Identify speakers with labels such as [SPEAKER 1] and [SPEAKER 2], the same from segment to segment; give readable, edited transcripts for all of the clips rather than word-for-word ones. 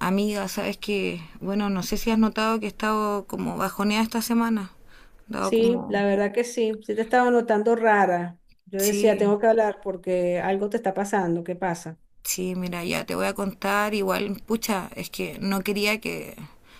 [SPEAKER 1] Amiga, sabes que, bueno, no sé si has notado que he estado como bajoneada esta semana. Dado
[SPEAKER 2] Sí,
[SPEAKER 1] como,
[SPEAKER 2] la verdad que sí. Sí te estaba notando rara. Yo decía,
[SPEAKER 1] sí,
[SPEAKER 2] tengo que hablar porque algo te está pasando. ¿Qué pasa?
[SPEAKER 1] sí, mira, ya te voy a contar. Igual, pucha, es que no quería que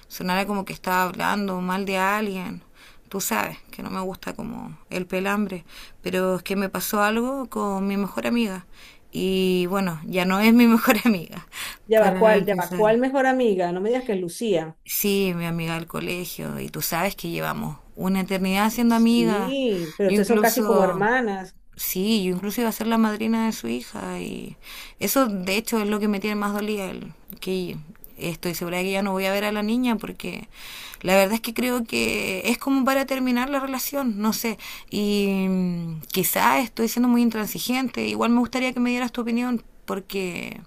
[SPEAKER 1] sonara como que estaba hablando mal de alguien. Tú sabes que no me gusta como el pelambre, pero es que me pasó algo con mi mejor amiga. Y bueno, ya no es mi mejor amiga,
[SPEAKER 2] Ya va,
[SPEAKER 1] para
[SPEAKER 2] ¿cuál? Ya va,
[SPEAKER 1] empezar.
[SPEAKER 2] ¿cuál mejor amiga? No me digas que es Lucía.
[SPEAKER 1] Sí, mi amiga del colegio, y tú sabes que llevamos una eternidad siendo amigas.
[SPEAKER 2] Sí, pero
[SPEAKER 1] Yo
[SPEAKER 2] ustedes son casi como
[SPEAKER 1] incluso,
[SPEAKER 2] hermanas.
[SPEAKER 1] sí, yo incluso iba a ser la madrina de su hija, y eso de hecho es lo que me tiene más dolida, que estoy segura de que ya no voy a ver a la niña porque la verdad es que creo que es como para terminar la relación, no sé. Y quizá estoy siendo muy intransigente, igual me gustaría que me dieras tu opinión, porque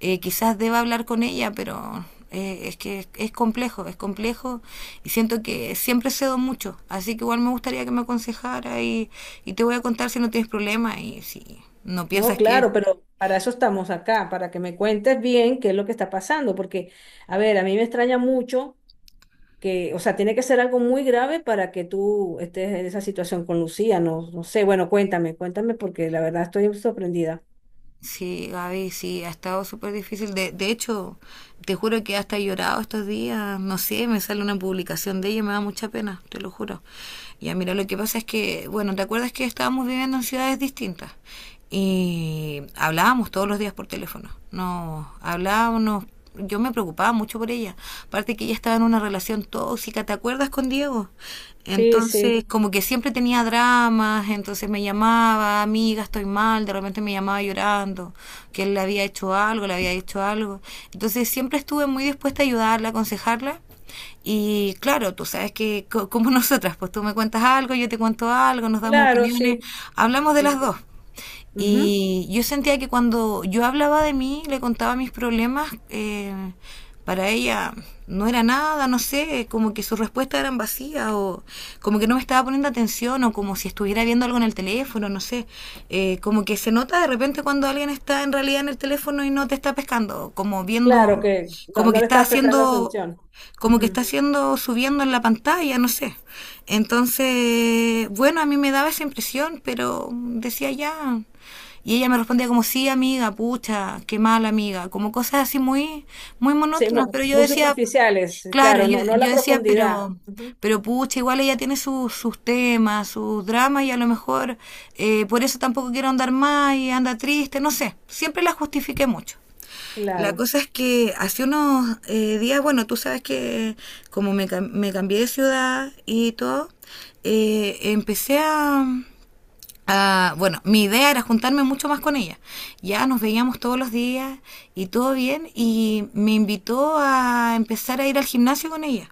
[SPEAKER 1] quizás deba hablar con ella, pero es que es complejo, es complejo y siento que siempre cedo mucho, así que igual me gustaría que me aconsejara y te voy a contar si no tienes problema y si no
[SPEAKER 2] No,
[SPEAKER 1] piensas que.
[SPEAKER 2] claro, pero para eso estamos acá, para que me cuentes bien qué es lo que está pasando. Porque, a ver, a mí me extraña mucho que, o sea, tiene que ser algo muy grave para que tú estés en esa situación con Lucía. No, no sé, bueno, cuéntame, cuéntame porque la verdad estoy sorprendida.
[SPEAKER 1] Sí, Gaby, sí, ha estado súper difícil. De hecho, te juro que hasta he llorado estos días. No sé, me sale una publicación de ella y me da mucha pena, te lo juro. Ya, mira, lo que pasa es que, bueno, ¿te acuerdas que estábamos viviendo en ciudades distintas? Y hablábamos todos los días por teléfono. No, hablábamos, nos yo me preocupaba mucho por ella. Aparte que ella estaba en una relación tóxica, ¿te acuerdas con Diego?
[SPEAKER 2] Sí,
[SPEAKER 1] Entonces,
[SPEAKER 2] sí,
[SPEAKER 1] como que siempre tenía dramas, entonces me llamaba, amiga, estoy mal, de repente me llamaba llorando, que él le había hecho algo, le había hecho algo. Entonces, siempre estuve muy dispuesta a ayudarla, aconsejarla. Y claro, tú sabes que como nosotras, pues tú me cuentas algo, yo te cuento algo, nos damos
[SPEAKER 2] claro,
[SPEAKER 1] opiniones,
[SPEAKER 2] sí.
[SPEAKER 1] hablamos de las
[SPEAKER 2] Sí.
[SPEAKER 1] dos.
[SPEAKER 2] Ujú.
[SPEAKER 1] Y yo sentía que cuando yo hablaba de mí, le contaba mis problemas, para ella no era nada, no sé, como que sus respuestas eran vacías o como que no me estaba poniendo atención o como si estuviera viendo algo en el teléfono, no sé. Como que se nota de repente cuando alguien está en realidad en el teléfono y no te está pescando, como
[SPEAKER 2] Claro
[SPEAKER 1] viendo,
[SPEAKER 2] que no,
[SPEAKER 1] como que
[SPEAKER 2] no le
[SPEAKER 1] está
[SPEAKER 2] estás prestando
[SPEAKER 1] haciendo
[SPEAKER 2] atención.
[SPEAKER 1] como que está
[SPEAKER 2] Ujú.
[SPEAKER 1] haciendo, subiendo en la pantalla, no sé. Entonces, bueno, a mí me daba esa impresión, pero decía ya. Y ella me respondía como, sí, amiga, pucha, qué mal, amiga. Como cosas así muy, muy
[SPEAKER 2] Sí,
[SPEAKER 1] monótonas. Pero yo
[SPEAKER 2] muy,
[SPEAKER 1] decía,
[SPEAKER 2] superficiales,
[SPEAKER 1] claro,
[SPEAKER 2] claro,
[SPEAKER 1] yo,
[SPEAKER 2] no, no
[SPEAKER 1] yo
[SPEAKER 2] la
[SPEAKER 1] decía,
[SPEAKER 2] profundidad. Ujú.
[SPEAKER 1] pero pucha, igual ella tiene sus temas, sus dramas y a lo mejor por eso tampoco quiero andar más y anda triste, no sé. Siempre la justifiqué mucho. La
[SPEAKER 2] Claro.
[SPEAKER 1] cosa es que hace unos días, bueno, tú sabes que me cambié de ciudad y todo, eh, empecé a, Bueno, mi idea era juntarme mucho más con ella. Ya nos veíamos todos los días y todo bien, y me invitó a empezar a ir al gimnasio con ella.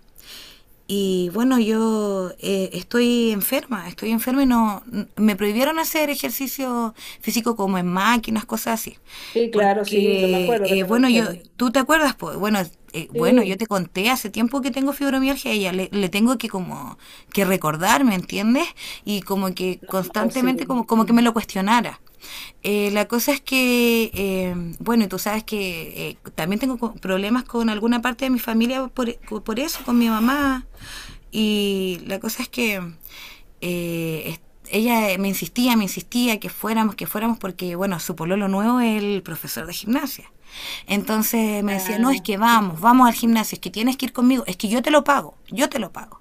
[SPEAKER 1] Y bueno, yo estoy enferma y no me prohibieron hacer ejercicio físico como en máquinas, cosas así.
[SPEAKER 2] Sí, claro, sí, yo me
[SPEAKER 1] Porque
[SPEAKER 2] acuerdo que te lo
[SPEAKER 1] bueno, yo
[SPEAKER 2] dijeron.
[SPEAKER 1] tú te acuerdas, pues bueno, bueno, yo
[SPEAKER 2] Sí,
[SPEAKER 1] te conté hace tiempo que tengo fibromialgia y ya le tengo que como que recordar, ¿me entiendes? Y como que
[SPEAKER 2] no,
[SPEAKER 1] constantemente
[SPEAKER 2] imposible.
[SPEAKER 1] como que me
[SPEAKER 2] Mm.
[SPEAKER 1] lo cuestionara. La cosa es que, bueno, tú sabes que también tengo problemas con alguna parte de mi familia por eso, con mi mamá. Y la cosa es que eh, es- ella me insistía que fuéramos, porque, bueno, su pololo nuevo es el profesor de gimnasia. Entonces me decía, no, es
[SPEAKER 2] Ah.
[SPEAKER 1] que vamos, vamos al gimnasio, es que tienes que ir conmigo, es que yo te lo pago, yo te lo pago.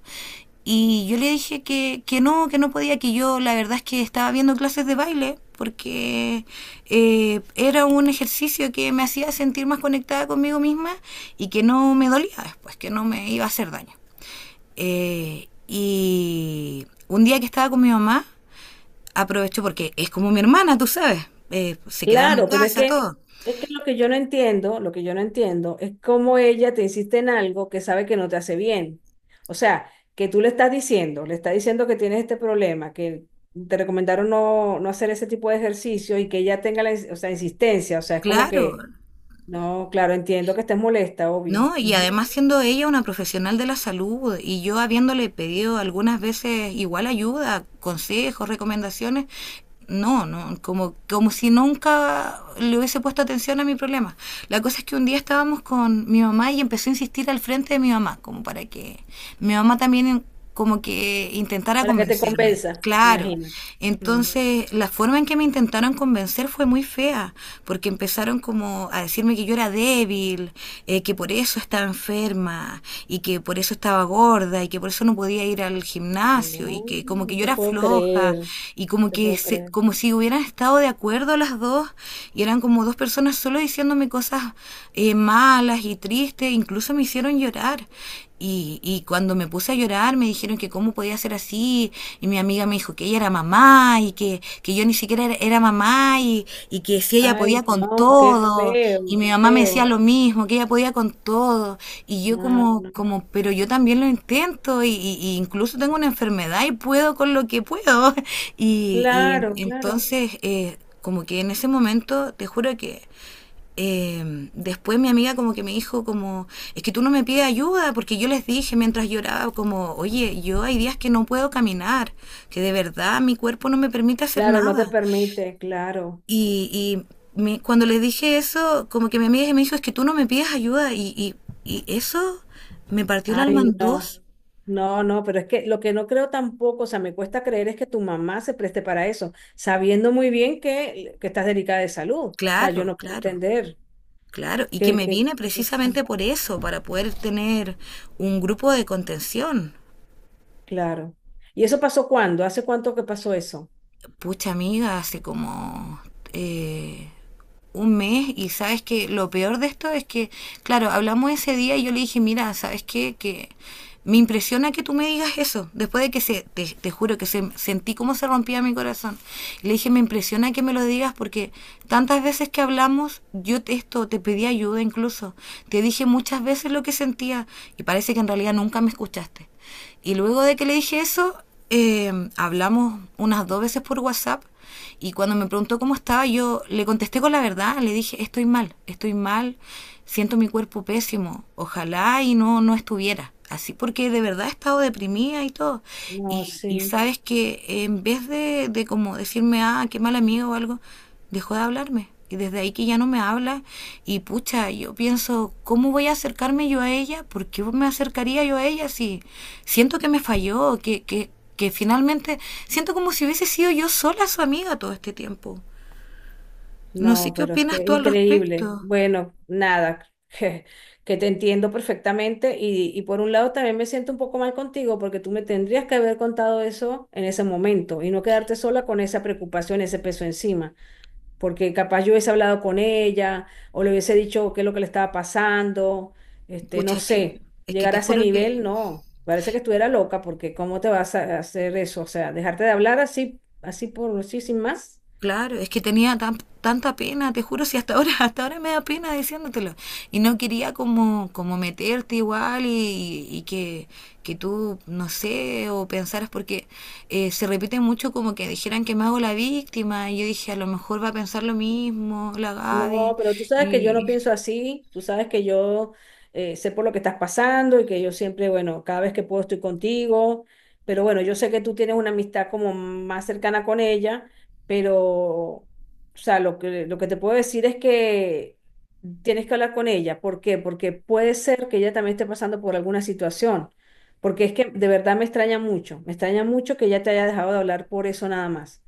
[SPEAKER 1] Y yo le dije que no, que no podía, que yo la verdad es que estaba viendo clases de baile porque era un ejercicio que me hacía sentir más conectada conmigo misma y que no me dolía después, que no me iba a hacer daño. Y un día que estaba con mi mamá, aproveché porque es como mi hermana, tú sabes, se quedaba en mi
[SPEAKER 2] Claro, pero es
[SPEAKER 1] casa,
[SPEAKER 2] que,
[SPEAKER 1] todo.
[SPEAKER 2] es que lo que yo no entiendo, lo que yo no entiendo es cómo ella te insiste en algo que sabe que no te hace bien. O sea, que tú le estás diciendo que tienes este problema, que te recomendaron no, no hacer ese tipo de ejercicio y que ella tenga la, o sea, insistencia. O sea, es como que,
[SPEAKER 1] Claro,
[SPEAKER 2] no, claro, entiendo que estés molesta, obvio.
[SPEAKER 1] no, y
[SPEAKER 2] Ujú.
[SPEAKER 1] además siendo ella una profesional de la salud y yo habiéndole pedido algunas veces igual ayuda, consejos, recomendaciones, no, no, como si nunca le hubiese puesto atención a mi problema. La cosa es que un día estábamos con mi mamá y empezó a insistir al frente de mi mamá, como para que mi mamá también como que intentara
[SPEAKER 2] Para que te
[SPEAKER 1] convencerme.
[SPEAKER 2] convenza,
[SPEAKER 1] Claro.
[SPEAKER 2] imagina. Mm.
[SPEAKER 1] Entonces, la forma en que me intentaron convencer fue muy fea, porque empezaron como a decirme que yo era débil, que por eso estaba enferma, y que por eso estaba gorda, y que por eso no podía ir al gimnasio, y
[SPEAKER 2] No,
[SPEAKER 1] que como que
[SPEAKER 2] no
[SPEAKER 1] yo
[SPEAKER 2] te
[SPEAKER 1] era
[SPEAKER 2] puedo
[SPEAKER 1] floja,
[SPEAKER 2] creer, no
[SPEAKER 1] y como
[SPEAKER 2] te
[SPEAKER 1] que
[SPEAKER 2] puedo creer.
[SPEAKER 1] como si hubieran estado de acuerdo las dos y eran como dos personas solo diciéndome cosas malas y tristes, incluso me hicieron llorar. Cuando me puse a llorar me dijeron que cómo podía ser así y mi amiga me dijo que ella era mamá y que yo ni siquiera era, era mamá que si ella podía
[SPEAKER 2] Ay,
[SPEAKER 1] con
[SPEAKER 2] no, qué
[SPEAKER 1] todo y
[SPEAKER 2] feo,
[SPEAKER 1] mi
[SPEAKER 2] qué
[SPEAKER 1] mamá me decía
[SPEAKER 2] feo.
[SPEAKER 1] lo mismo, que ella podía con todo y yo
[SPEAKER 2] No,
[SPEAKER 1] como,
[SPEAKER 2] no.
[SPEAKER 1] como pero yo también lo intento y incluso tengo una enfermedad y puedo con lo que puedo
[SPEAKER 2] Claro, claro,
[SPEAKER 1] entonces como que en ese momento, te juro que después mi amiga como que me dijo como, es que tú no me pides ayuda, porque yo les dije mientras lloraba como, oye, yo hay días que no puedo caminar, que de verdad mi cuerpo no me permite hacer
[SPEAKER 2] claro, no te
[SPEAKER 1] nada.
[SPEAKER 2] permite, claro.
[SPEAKER 1] Y, Cuando les dije eso, como que mi amiga me dijo, es que tú no me pides ayuda. Y eso me partió el alma
[SPEAKER 2] Ay,
[SPEAKER 1] en
[SPEAKER 2] no,
[SPEAKER 1] dos.
[SPEAKER 2] no, no, pero es que lo que no creo tampoco, o sea, me cuesta creer es que tu mamá se preste para eso, sabiendo muy bien que estás delicada de salud. O sea, yo
[SPEAKER 1] Claro,
[SPEAKER 2] no puedo
[SPEAKER 1] claro,
[SPEAKER 2] entender
[SPEAKER 1] claro. Y que
[SPEAKER 2] qué,
[SPEAKER 1] me
[SPEAKER 2] qué
[SPEAKER 1] vine
[SPEAKER 2] cosa.
[SPEAKER 1] precisamente por eso, para poder tener un grupo de contención.
[SPEAKER 2] Claro. ¿Y eso pasó cuándo? ¿Hace cuánto que pasó eso?
[SPEAKER 1] Pucha amiga, hace como eh, un mes y sabes que lo peor de esto es que, claro, hablamos ese día y yo le dije, mira, ¿sabes qué? Que me impresiona que tú me digas eso, después de que te juro que sentí cómo se rompía mi corazón. Y le dije, me impresiona que me lo digas porque tantas veces que hablamos, yo te pedí ayuda incluso, te dije muchas veces lo que sentía y parece que en realidad nunca me escuchaste. Y luego de que le dije eso, hablamos unas dos veces por WhatsApp y cuando me preguntó cómo estaba, yo le contesté con la verdad, le dije, estoy mal, siento mi cuerpo pésimo, ojalá y no, no estuviera así, porque de verdad he estado deprimida y todo.
[SPEAKER 2] No,
[SPEAKER 1] Y
[SPEAKER 2] sí.
[SPEAKER 1] sabes que en vez de como decirme, ah, qué mal amigo o algo, dejó de hablarme. Y desde ahí que ya no me habla. Y pucha, yo pienso, ¿cómo voy a acercarme yo a ella? ¿Por qué me acercaría yo a ella si siento que me falló? Que finalmente siento como si hubiese sido yo sola su amiga todo este tiempo. No sé
[SPEAKER 2] No,
[SPEAKER 1] qué
[SPEAKER 2] pero es
[SPEAKER 1] opinas
[SPEAKER 2] que
[SPEAKER 1] tú al
[SPEAKER 2] increíble.
[SPEAKER 1] respecto.
[SPEAKER 2] Bueno, nada, que, te entiendo perfectamente y por un lado también me siento un poco mal contigo porque tú me tendrías que haber contado eso en ese momento y no quedarte sola con esa preocupación, ese peso encima, porque capaz yo hubiese hablado con ella o le hubiese dicho qué es lo que le estaba pasando, este, no
[SPEAKER 1] Pucha, que
[SPEAKER 2] sé,
[SPEAKER 1] es que
[SPEAKER 2] llegar
[SPEAKER 1] te
[SPEAKER 2] a ese
[SPEAKER 1] juro que.
[SPEAKER 2] nivel, no, parece que estuviera loca porque ¿cómo te vas a hacer eso? O sea, dejarte de hablar así, así por, así sin más.
[SPEAKER 1] Claro, es que tenía tanta pena, te juro, si hasta ahora, hasta ahora me da pena diciéndotelo. Y no quería como meterte igual y que tú, no sé, o pensaras, porque se repite mucho como que dijeran que me hago la víctima, y yo dije, a lo mejor va a pensar lo mismo, la
[SPEAKER 2] No,
[SPEAKER 1] Gaby.
[SPEAKER 2] pero tú sabes que yo no
[SPEAKER 1] Y,
[SPEAKER 2] pienso así, tú sabes que yo sé por lo que estás pasando y que yo siempre, bueno, cada vez que puedo estoy contigo, pero bueno, yo sé que tú tienes una amistad como más cercana con ella, pero, o sea, lo que te puedo decir es que tienes que hablar con ella. ¿Por qué? Porque puede ser que ella también esté pasando por alguna situación, porque, es que de verdad me extraña mucho que ella te haya dejado de hablar por eso nada más.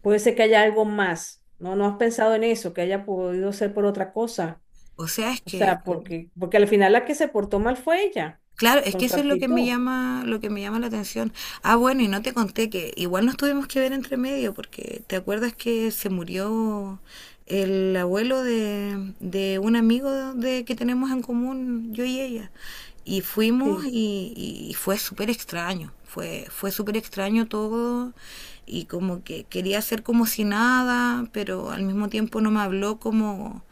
[SPEAKER 2] Puede ser que haya algo más. No, no has pensado en eso, que haya podido ser por otra cosa.
[SPEAKER 1] o sea, es
[SPEAKER 2] O
[SPEAKER 1] que.
[SPEAKER 2] sea, porque al final la que se portó mal fue ella,
[SPEAKER 1] Claro, es
[SPEAKER 2] con
[SPEAKER 1] que
[SPEAKER 2] su
[SPEAKER 1] eso es lo que me
[SPEAKER 2] actitud.
[SPEAKER 1] llama, lo que me llama la atención. Ah, bueno, y no te conté que igual nos tuvimos que ver entre medio, porque te acuerdas que se murió el abuelo de, un amigo de que tenemos en común, yo y ella. Y fuimos
[SPEAKER 2] Sí,
[SPEAKER 1] y fue súper extraño, fue súper extraño todo y como que quería hacer como si nada, pero al mismo tiempo no me habló como,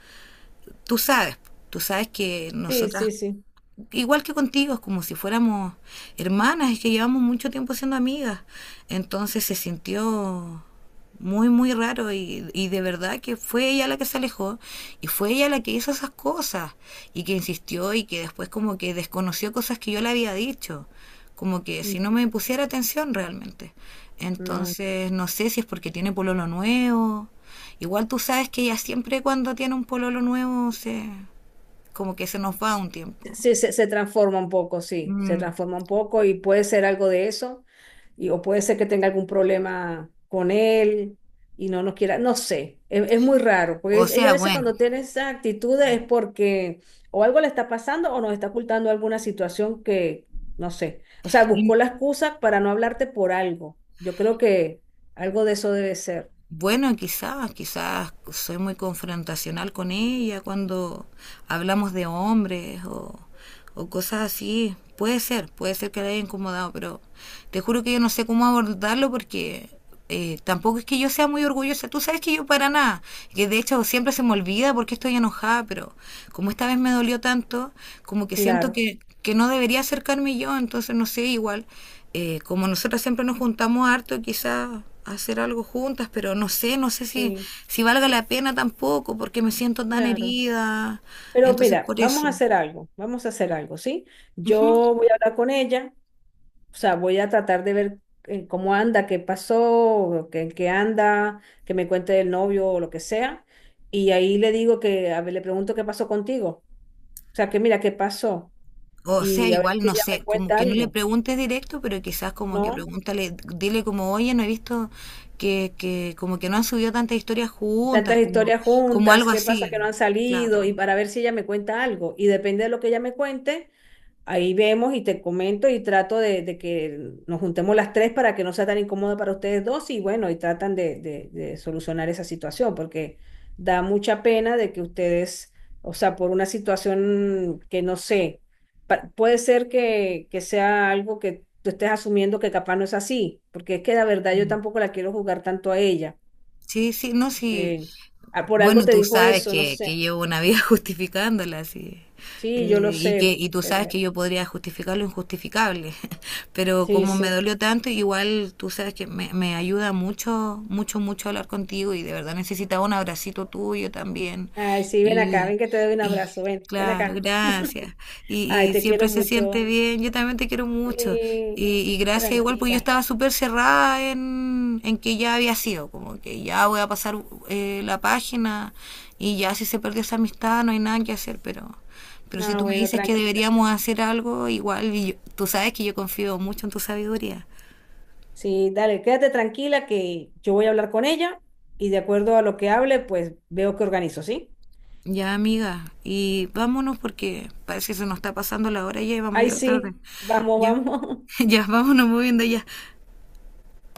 [SPEAKER 1] tú sabes, tú sabes que
[SPEAKER 2] sí,
[SPEAKER 1] nosotras
[SPEAKER 2] sí, sí.
[SPEAKER 1] igual que contigo, es como si fuéramos hermanas, es que llevamos mucho tiempo siendo amigas. Entonces se sintió muy, muy raro y de verdad que fue ella la que se alejó y fue ella la que hizo esas cosas y que insistió y que después como que desconoció cosas que yo le había dicho, como que
[SPEAKER 2] Mm.
[SPEAKER 1] si no me pusiera atención realmente.
[SPEAKER 2] No.
[SPEAKER 1] Entonces no sé si es porque tiene pololo nuevo. Igual tú sabes que ella siempre cuando tiene un pololo nuevo se como que se nos va un tiempo.
[SPEAKER 2] Sí, se transforma un poco, sí, se
[SPEAKER 1] Mm.
[SPEAKER 2] transforma un poco y puede ser algo de eso, o puede ser que tenga algún problema con él y no nos quiera, no sé, es muy raro, porque
[SPEAKER 1] O
[SPEAKER 2] ella a
[SPEAKER 1] sea,
[SPEAKER 2] veces
[SPEAKER 1] bueno,
[SPEAKER 2] cuando tiene esa actitud es porque o algo le está pasando o nos está ocultando alguna situación que, no sé, o sea,
[SPEAKER 1] y
[SPEAKER 2] buscó la excusa para no hablarte por algo. Yo creo que algo de eso debe ser,
[SPEAKER 1] bueno, quizás soy muy confrontacional con ella cuando hablamos de hombres o cosas así. Puede ser que la haya incomodado, pero te juro que yo no sé cómo abordarlo porque tampoco es que yo sea muy orgullosa. Tú sabes que yo para nada, que de hecho siempre se me olvida porque estoy enojada, pero como esta vez me dolió tanto, como que siento
[SPEAKER 2] claro.
[SPEAKER 1] que no debería acercarme yo, entonces no sé, igual, como nosotras siempre nos juntamos harto, quizás hacer algo juntas, pero no sé, no sé
[SPEAKER 2] Sí,
[SPEAKER 1] si valga la pena tampoco, porque me siento tan
[SPEAKER 2] claro.
[SPEAKER 1] herida,
[SPEAKER 2] Pero
[SPEAKER 1] entonces
[SPEAKER 2] mira,
[SPEAKER 1] por
[SPEAKER 2] vamos a
[SPEAKER 1] eso.
[SPEAKER 2] hacer algo, vamos a hacer algo, ¿sí?
[SPEAKER 1] Ujú.
[SPEAKER 2] Yo voy a hablar con ella, o sea, voy a tratar de ver cómo anda, qué pasó, qué, en qué anda, que me cuente el novio o lo que sea. Y ahí le digo que, a ver, le pregunto qué pasó contigo. O sea, que mira, qué pasó.
[SPEAKER 1] O sea,
[SPEAKER 2] Y a ver
[SPEAKER 1] igual,
[SPEAKER 2] si
[SPEAKER 1] no
[SPEAKER 2] ella me
[SPEAKER 1] sé, como
[SPEAKER 2] cuenta
[SPEAKER 1] que no le
[SPEAKER 2] algo,
[SPEAKER 1] preguntes directo, pero quizás como que
[SPEAKER 2] ¿no?
[SPEAKER 1] pregúntale, dile como, oye, no he visto que como que no han subido tantas historias juntas,
[SPEAKER 2] Tantas
[SPEAKER 1] como,
[SPEAKER 2] historias
[SPEAKER 1] como
[SPEAKER 2] juntas,
[SPEAKER 1] algo
[SPEAKER 2] qué pasa que no
[SPEAKER 1] así,
[SPEAKER 2] han salido, y
[SPEAKER 1] claro.
[SPEAKER 2] para ver si ella me cuenta algo. Y depende de lo que ella me cuente. Ahí vemos y te comento y trato de que nos juntemos las tres para que no sea tan incómodo para ustedes dos y bueno, y tratan de solucionar esa situación porque da mucha pena de que ustedes, o sea, por una situación que no sé, puede ser que sea algo que tú estés asumiendo que capaz no es así, porque es que la verdad yo
[SPEAKER 1] Mm.
[SPEAKER 2] tampoco la quiero jugar tanto a ella,
[SPEAKER 1] Sí, sí, no, sí,
[SPEAKER 2] porque ah, por algo
[SPEAKER 1] bueno,
[SPEAKER 2] te
[SPEAKER 1] tú
[SPEAKER 2] dijo
[SPEAKER 1] sabes
[SPEAKER 2] eso, no
[SPEAKER 1] que
[SPEAKER 2] sé.
[SPEAKER 1] llevo una vida justificándola, sí.
[SPEAKER 2] Sí, yo
[SPEAKER 1] Eh,
[SPEAKER 2] lo
[SPEAKER 1] y que
[SPEAKER 2] sé,
[SPEAKER 1] y tú sabes
[SPEAKER 2] pero
[SPEAKER 1] que yo podría justificar lo injustificable, pero
[SPEAKER 2] sí,
[SPEAKER 1] como me
[SPEAKER 2] sí.
[SPEAKER 1] dolió tanto, igual tú sabes que me ayuda mucho, mucho, mucho hablar contigo y de verdad necesitaba un abracito tuyo también.
[SPEAKER 2] Ay, sí, ven acá,
[SPEAKER 1] Y,
[SPEAKER 2] ven que te doy un
[SPEAKER 1] y
[SPEAKER 2] abrazo, ven, ven
[SPEAKER 1] claro,
[SPEAKER 2] acá.
[SPEAKER 1] gracias. Y,
[SPEAKER 2] Ay,
[SPEAKER 1] y
[SPEAKER 2] te
[SPEAKER 1] siempre
[SPEAKER 2] quiero
[SPEAKER 1] se siente
[SPEAKER 2] mucho.
[SPEAKER 1] bien. Yo también te quiero mucho.
[SPEAKER 2] Sí,
[SPEAKER 1] Y gracias igual, porque yo
[SPEAKER 2] tranquila.
[SPEAKER 1] estaba súper cerrada en que ya había sido, como que ya voy a pasar la página y ya si se perdió esa amistad no hay nada que hacer, pero si
[SPEAKER 2] No,
[SPEAKER 1] tú me
[SPEAKER 2] bueno,
[SPEAKER 1] dices que
[SPEAKER 2] tranquila.
[SPEAKER 1] deberíamos hacer algo, igual, tú sabes que yo confío mucho en tu sabiduría.
[SPEAKER 2] Sí, dale, quédate tranquila que yo voy a hablar con ella y de acuerdo a lo que hable, pues veo que organizo, ¿sí?
[SPEAKER 1] Ya, amiga, y vámonos porque parece que se nos está pasando la hora ya y vamos a
[SPEAKER 2] Ay,
[SPEAKER 1] llegar tarde.
[SPEAKER 2] sí, vamos,
[SPEAKER 1] Ya,
[SPEAKER 2] vamos.
[SPEAKER 1] ya, vámonos moviendo ya.